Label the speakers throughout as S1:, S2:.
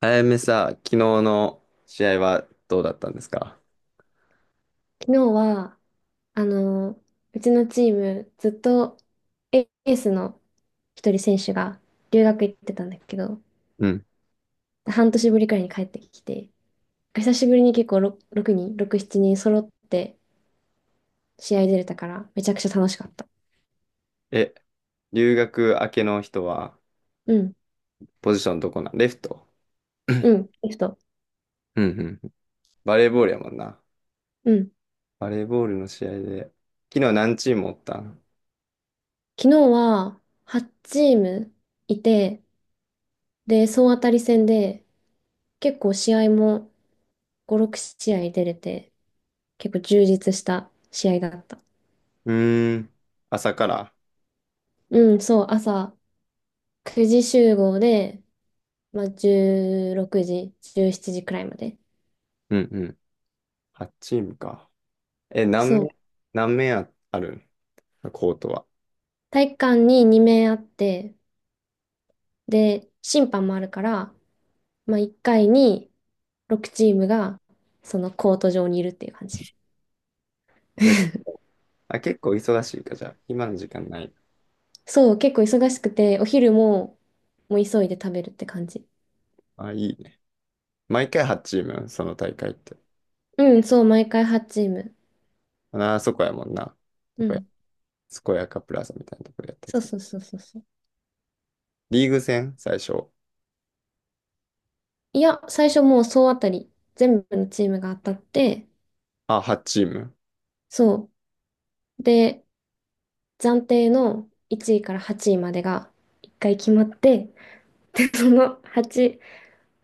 S1: あやめさ、昨日の試合はどうだったんですか？
S2: 昨日は、あの、うちのチーム、ずっとエエースの一人選手が留学行ってたんだけど、
S1: うん。
S2: 半年ぶりくらいに帰ってきて、久しぶりに結構6人、6、7人揃って試合出れたから、めちゃくちゃ楽しかった。
S1: え、留学明けの人は、
S2: うん、
S1: ポジションどこなん？レフト。うん
S2: うん、リフト。
S1: うんうん。バレーボールやもんな。
S2: うん。
S1: バレーボールの試合で。昨日何チームおったん？
S2: 昨日は8チームいて、で、総当たり戦で、結構試合も5、6試合出れて、結構充実した試合だった。
S1: うーん。朝から？
S2: うん、そう、朝、9時集合で、まあ、16時、17時くらいまで。
S1: うんうん。8チームか。え、
S2: そう。
S1: 何面、あるん？コートは。
S2: 体育館に2名あって、で、審判もあるから、まあ、1回に6チームが、そのコート上にいるっていう感じ。
S1: じゃあ、結構忙しいか、じゃあ。今の時間ない。
S2: そう、結構忙しくて、お昼も、もう急いで食べるって感じ。
S1: あ、いいね。毎回8チームその大会って。
S2: うん、そう、毎回8チーム。
S1: あ、そこやもんな。
S2: うん。
S1: 健やかプラザみたいなところでやったや
S2: そう
S1: つ。
S2: そうそうそうそう。
S1: リーグ戦最初。
S2: いや、最初もう総当たり、全部のチームが当たって、
S1: あ、8チーム。
S2: そう。で、暫定の1位から8位までが1回決まって、で、その8、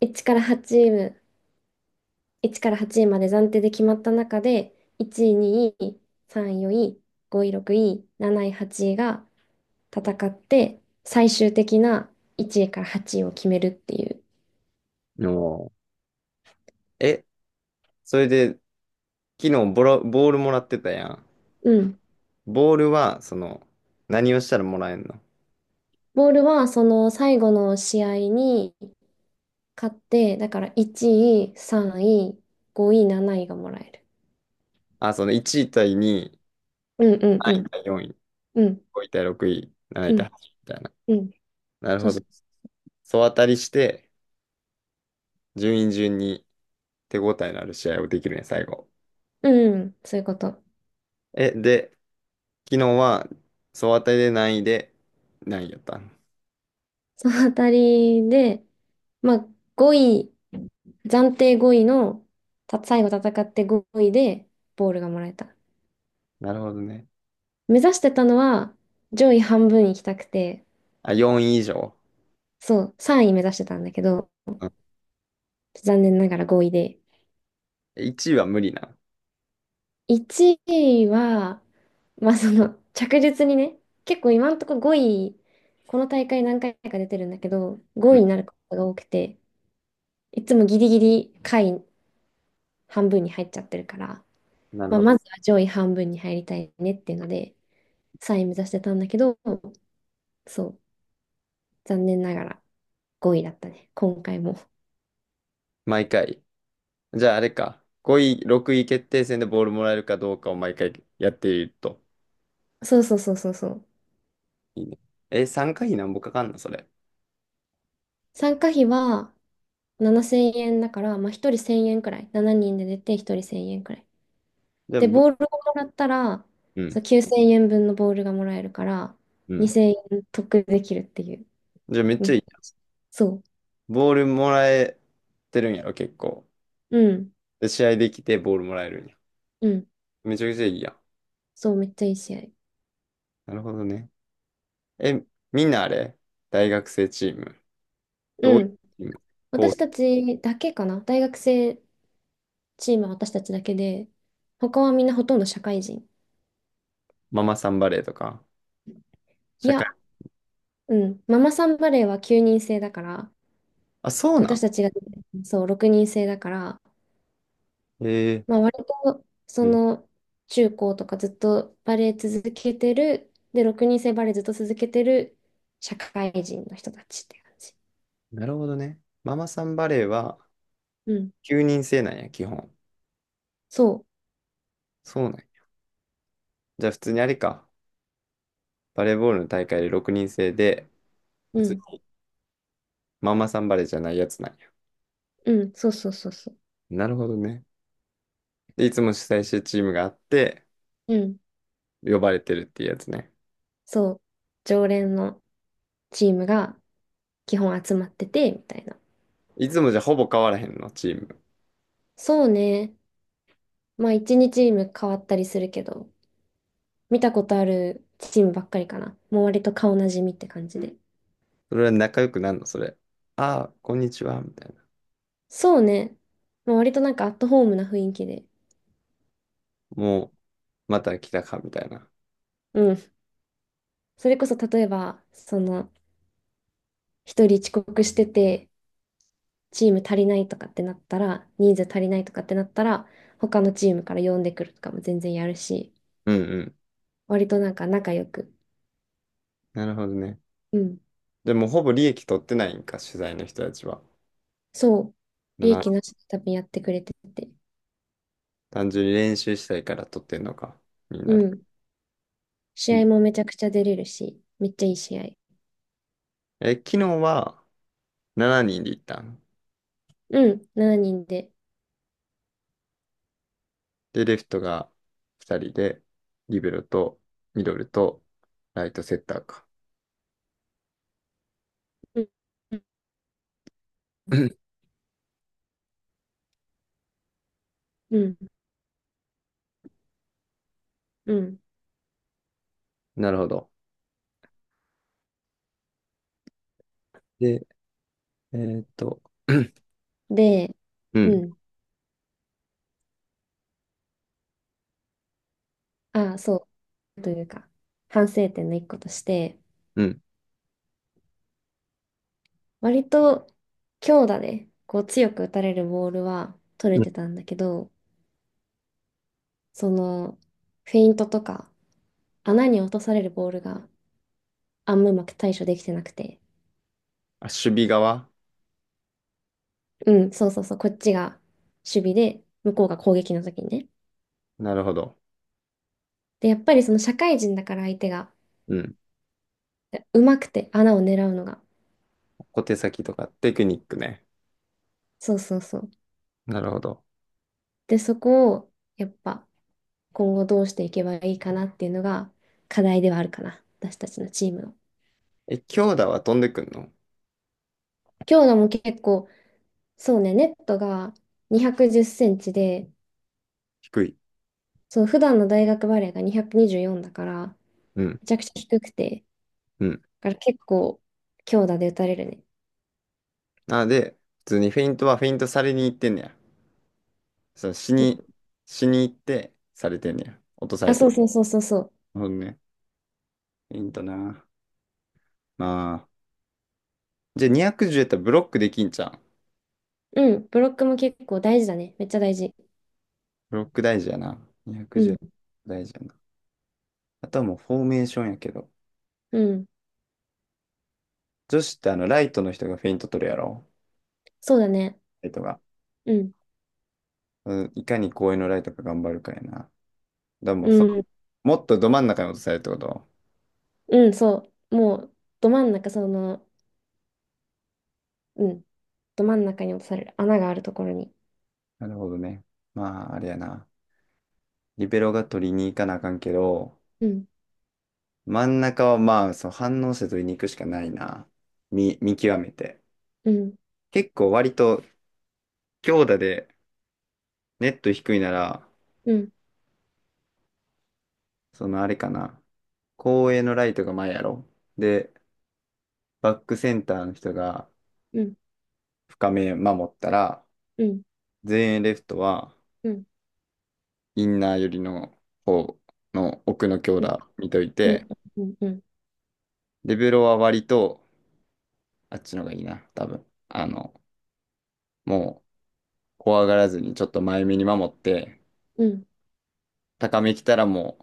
S2: 1から8位、1から8位まで暫定で決まった中で、1位、2位、3位、4位、5位、6位、7位、8位が戦って、最終的な1位から8位を決めるっていう。
S1: おー。え、それで、昨日ボールもらってたやん。
S2: うん。
S1: ボールは、その、何をしたらもらえんの？
S2: ボールはその最後の試合に勝って、だから1位、3位、5位、7位がもらえる。
S1: その1位対2
S2: うんうんうん。
S1: 位、4位、
S2: うん
S1: 5位対6位、7位
S2: う
S1: 対
S2: ん
S1: 8位みたいな。
S2: うん。
S1: なる
S2: そう
S1: ほ
S2: そ
S1: ど。総当たりして、順位順に手応えのある試合をできるね、最後。
S2: う。うん、そういうこと。
S1: え、で、昨日は、総当たりで何位で、何位やったの？
S2: そのあたりで、まあ、5位、暫定5位の、最後戦って5位で、ボールがもらえた。
S1: なるほどね。
S2: 目指してたのは、上位半分行きたくて、
S1: あ、4位以上。うん。
S2: そう、3位目指してたんだけど、残念ながら5位で。
S1: 1位は無理な？
S2: 1位は、まあ、着実にね、結構今んとこ5位、この大会何回か出てるんだけど、
S1: う
S2: 5
S1: ん。
S2: 位になることが多くて、いつもギリギリ下位半分に入っちゃってるから、
S1: なる
S2: まあ、
S1: ほど。
S2: まずは上位半分に入りたいねっていうので、3位目指してたんだけど、そう、残念ながら5位だったね、今回も。
S1: 毎回。じゃああれか。5位、6位決定戦でボールもらえるかどうかを毎回やっていると。
S2: そうそうそうそうそう。
S1: いいね。え、3回なんぼかかんのそれ？
S2: 参加費は7,000円だから、まあ、1人1000円くらい。7人で出て1人1000円くらい。
S1: じゃあ、
S2: で、ボールをもらったら、
S1: う
S2: そ
S1: ん。
S2: う、9,000円分のボールがもらえるから、
S1: うん。
S2: 2000円得できるっていう。
S1: じゃあめっち
S2: め
S1: ゃ
S2: っ
S1: い
S2: ち
S1: い
S2: ゃい
S1: な。
S2: いしそ
S1: ボールもらえてるんやろ、結構。
S2: う。うん。
S1: で、試合できてボールもらえるんや。
S2: うん。
S1: めちゃくちゃいいやん。
S2: そう、めっちゃいい試合。
S1: なるほどね。え、みんなあれ大学生チーム？どうい
S2: う
S1: うチ
S2: ん。
S1: ーム？こ
S2: 私
S1: う、
S2: たちだけかな。大学生チームは私たちだけで、他はみんなほとんど社会人。
S1: ママさんバレーとか、
S2: い
S1: 社会。
S2: や、うん、ママさんバレーは9人制だから、
S1: あ、そう
S2: で
S1: な
S2: 私
S1: ん？
S2: たちがそう6人制だから、
S1: ええ。
S2: まあ、割とそ
S1: うん。
S2: の中高とかずっとバレー続けてる、で、6人制バレーずっと続けてる社会人の人たちって感じ。
S1: なるほどね。ママさんバレーは
S2: うん、
S1: 9人制なんや、基本。
S2: そ
S1: そうなんや。じゃあ普通にあれか。バレーボールの大会で6人制で、
S2: う、
S1: 普
S2: う
S1: 通
S2: ん、
S1: にママさんバレーじゃないやつなんや。
S2: うん、そうそうそうそう、
S1: なるほどね。で、いつも主催してるチームがあって、
S2: うん、
S1: 呼ばれてるっていうやつね。
S2: そう、常連のチームが基本集まってて、みたいな。
S1: いつもじゃあほぼ変わらへんの、チーム。
S2: そうね。まあ1日チーム変わったりするけど、見たことあるチームばっかりかな。もう割と顔なじみって感じで。
S1: それは仲良くなんの、それ？ああ、こんにちは、みたいな。
S2: そうね。まあ、割となんかアットホームな雰囲気で。
S1: もう、また来たか、みたいな。
S2: うん。それこそ例えば、一人遅刻してて、チーム足りないとかってなったら、人数足りないとかってなったら、他のチームから呼んでくるとかも全然やるし、
S1: うんうん。
S2: 割となんか仲良く。
S1: なるほどね。
S2: うん。
S1: でもほぼ利益取ってないんか、取材の人たちは。
S2: そう。利益
S1: な
S2: なしで多分やってくれてて。
S1: 単純に練習したいから取ってんのか？みん
S2: う
S1: なで。
S2: ん。
S1: い
S2: 試合
S1: い
S2: もめちゃくちゃ出れるし、めっちゃいい試合。
S1: え、昨日は7人で行ったん。
S2: うん、7人で。
S1: で、レフトが2人で、リベロとミドルとライトセッターか？
S2: うん、うん、うん。
S1: なるほど。で、えーっと、
S2: で、
S1: う
S2: う
S1: ん、
S2: ん、あ、そう、というか、反省点の一個として、
S1: うん、
S2: 割と強打で、こう強く打たれるボールは取
S1: う
S2: れ
S1: ん。
S2: てたんだけど、その、フェイントとか、穴に落とされるボールがあんまうまく対処できてなくて、
S1: あ、守備側？
S2: うん、そうそうそう、こっちが守備で、向こうが攻撃の時にね。
S1: なるほど。
S2: で、やっぱりその社会人だから相手が、
S1: うん。
S2: うまくて穴を狙うのが。
S1: 小手先とかテクニックね。
S2: そうそうそう。
S1: なるほど。
S2: で、そこをやっぱ今後どうしていけばいいかなっていうのが課題ではあるかな、私たちのチームの。
S1: え、強打は飛んでくんの？
S2: 強度も結構、そうね、ネットが210センチで、
S1: 低い。
S2: そう、普段の大学バレーが224だから、
S1: うん、
S2: めちゃくちゃ低くて、
S1: うん。
S2: だから結構強打で打たれるね。
S1: なので、普通にフェイントはフェイントされに行ってんねや。そう、死に行ってされてんねや。落とさ
S2: あ、
S1: れ
S2: そ
S1: て。
S2: うそうそうそうそう。
S1: なるほどね。いいんだな。まあ。じゃあ210やったらブロックできんじゃん。
S2: うん、ブロックも結構大事だね。めっちゃ大事。
S1: ブロック大事やな。
S2: うん、
S1: 210大事やな。あとはもうフォーメーションやけど。
S2: うん、
S1: 女子ってライトの人がフェイント取るやろ？
S2: そうだね。
S1: ライトが。
S2: うん、
S1: うん、いかに公園のライトが頑張るかやな。でも
S2: う
S1: そ
S2: ん、
S1: う、もっとど真ん中に落とされるってこと？
S2: うん、そう。もう、ど真ん中、その、うん、ど真ん中に落とされる穴があるところに。
S1: なるほどね。まあ、あれやな。リベロが取りに行かなあかんけど、
S2: うん、
S1: 真ん中はまあ、その反応性とに行くしかないな。見極めて。
S2: うん、
S1: 結構割と強打でネット低いなら、
S2: うん、
S1: そのあれかな。後衛のライトが前やろ。で、バックセンターの人が
S2: うん、
S1: 深め守ったら、
S2: うん、
S1: 前衛レフトは
S2: うん、うん、
S1: インナー寄りの方の奥の強打見とい
S2: うん、う
S1: て、
S2: ん、
S1: デベロは割とあっちの方がいいな、多分。もう怖がらずにちょっと前目に守って、
S2: うん、
S1: 高め来たらも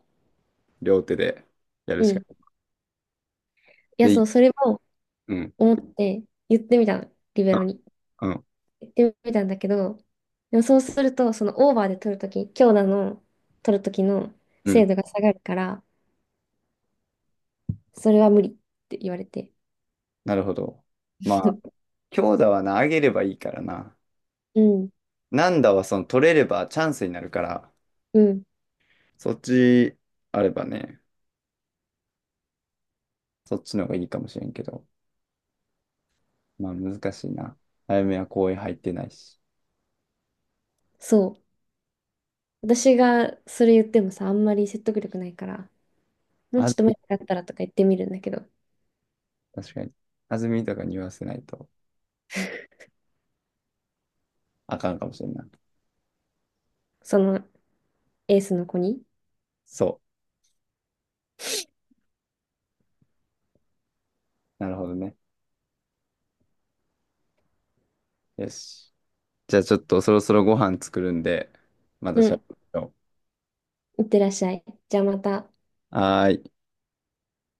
S1: う、両手でやる
S2: う
S1: しか
S2: ん。い
S1: な
S2: や、
S1: い。
S2: そ
S1: で、
S2: う、それも
S1: うん。
S2: 思って言ってみたの、リベロ
S1: あ、
S2: に。
S1: うん。
S2: 言ってみたんだけど、でもそうすると、そのオーバーで取るとき、強打の取るときの
S1: う
S2: 精
S1: ん。
S2: 度が下がるから、それは無理って言われて。
S1: なるほど。まあ、強打はな、上げればいいからな。
S2: うん、
S1: 軟打はその取れればチャンスになるから、
S2: うん、
S1: そっちあればね、そっちの方がいいかもしれんけど。まあ、難しいな。早めは公園入ってないし。
S2: そう。私がそれ言ってもさ、あんまり説得力ないから、もう
S1: あ
S2: ちょっ
S1: ず
S2: と
S1: み、
S2: 前だったらとか言ってみるんだけど、
S1: 確かに。あずみとかに言わせないとあかんかもしれんな。
S2: そのエースの子に。
S1: そう。なるほどね。よし。じゃあちょっとそろそろご飯作るんで、また
S2: う
S1: しゃ
S2: ん、
S1: べろ
S2: いってらっしゃい。じゃあまた。
S1: う。はーい。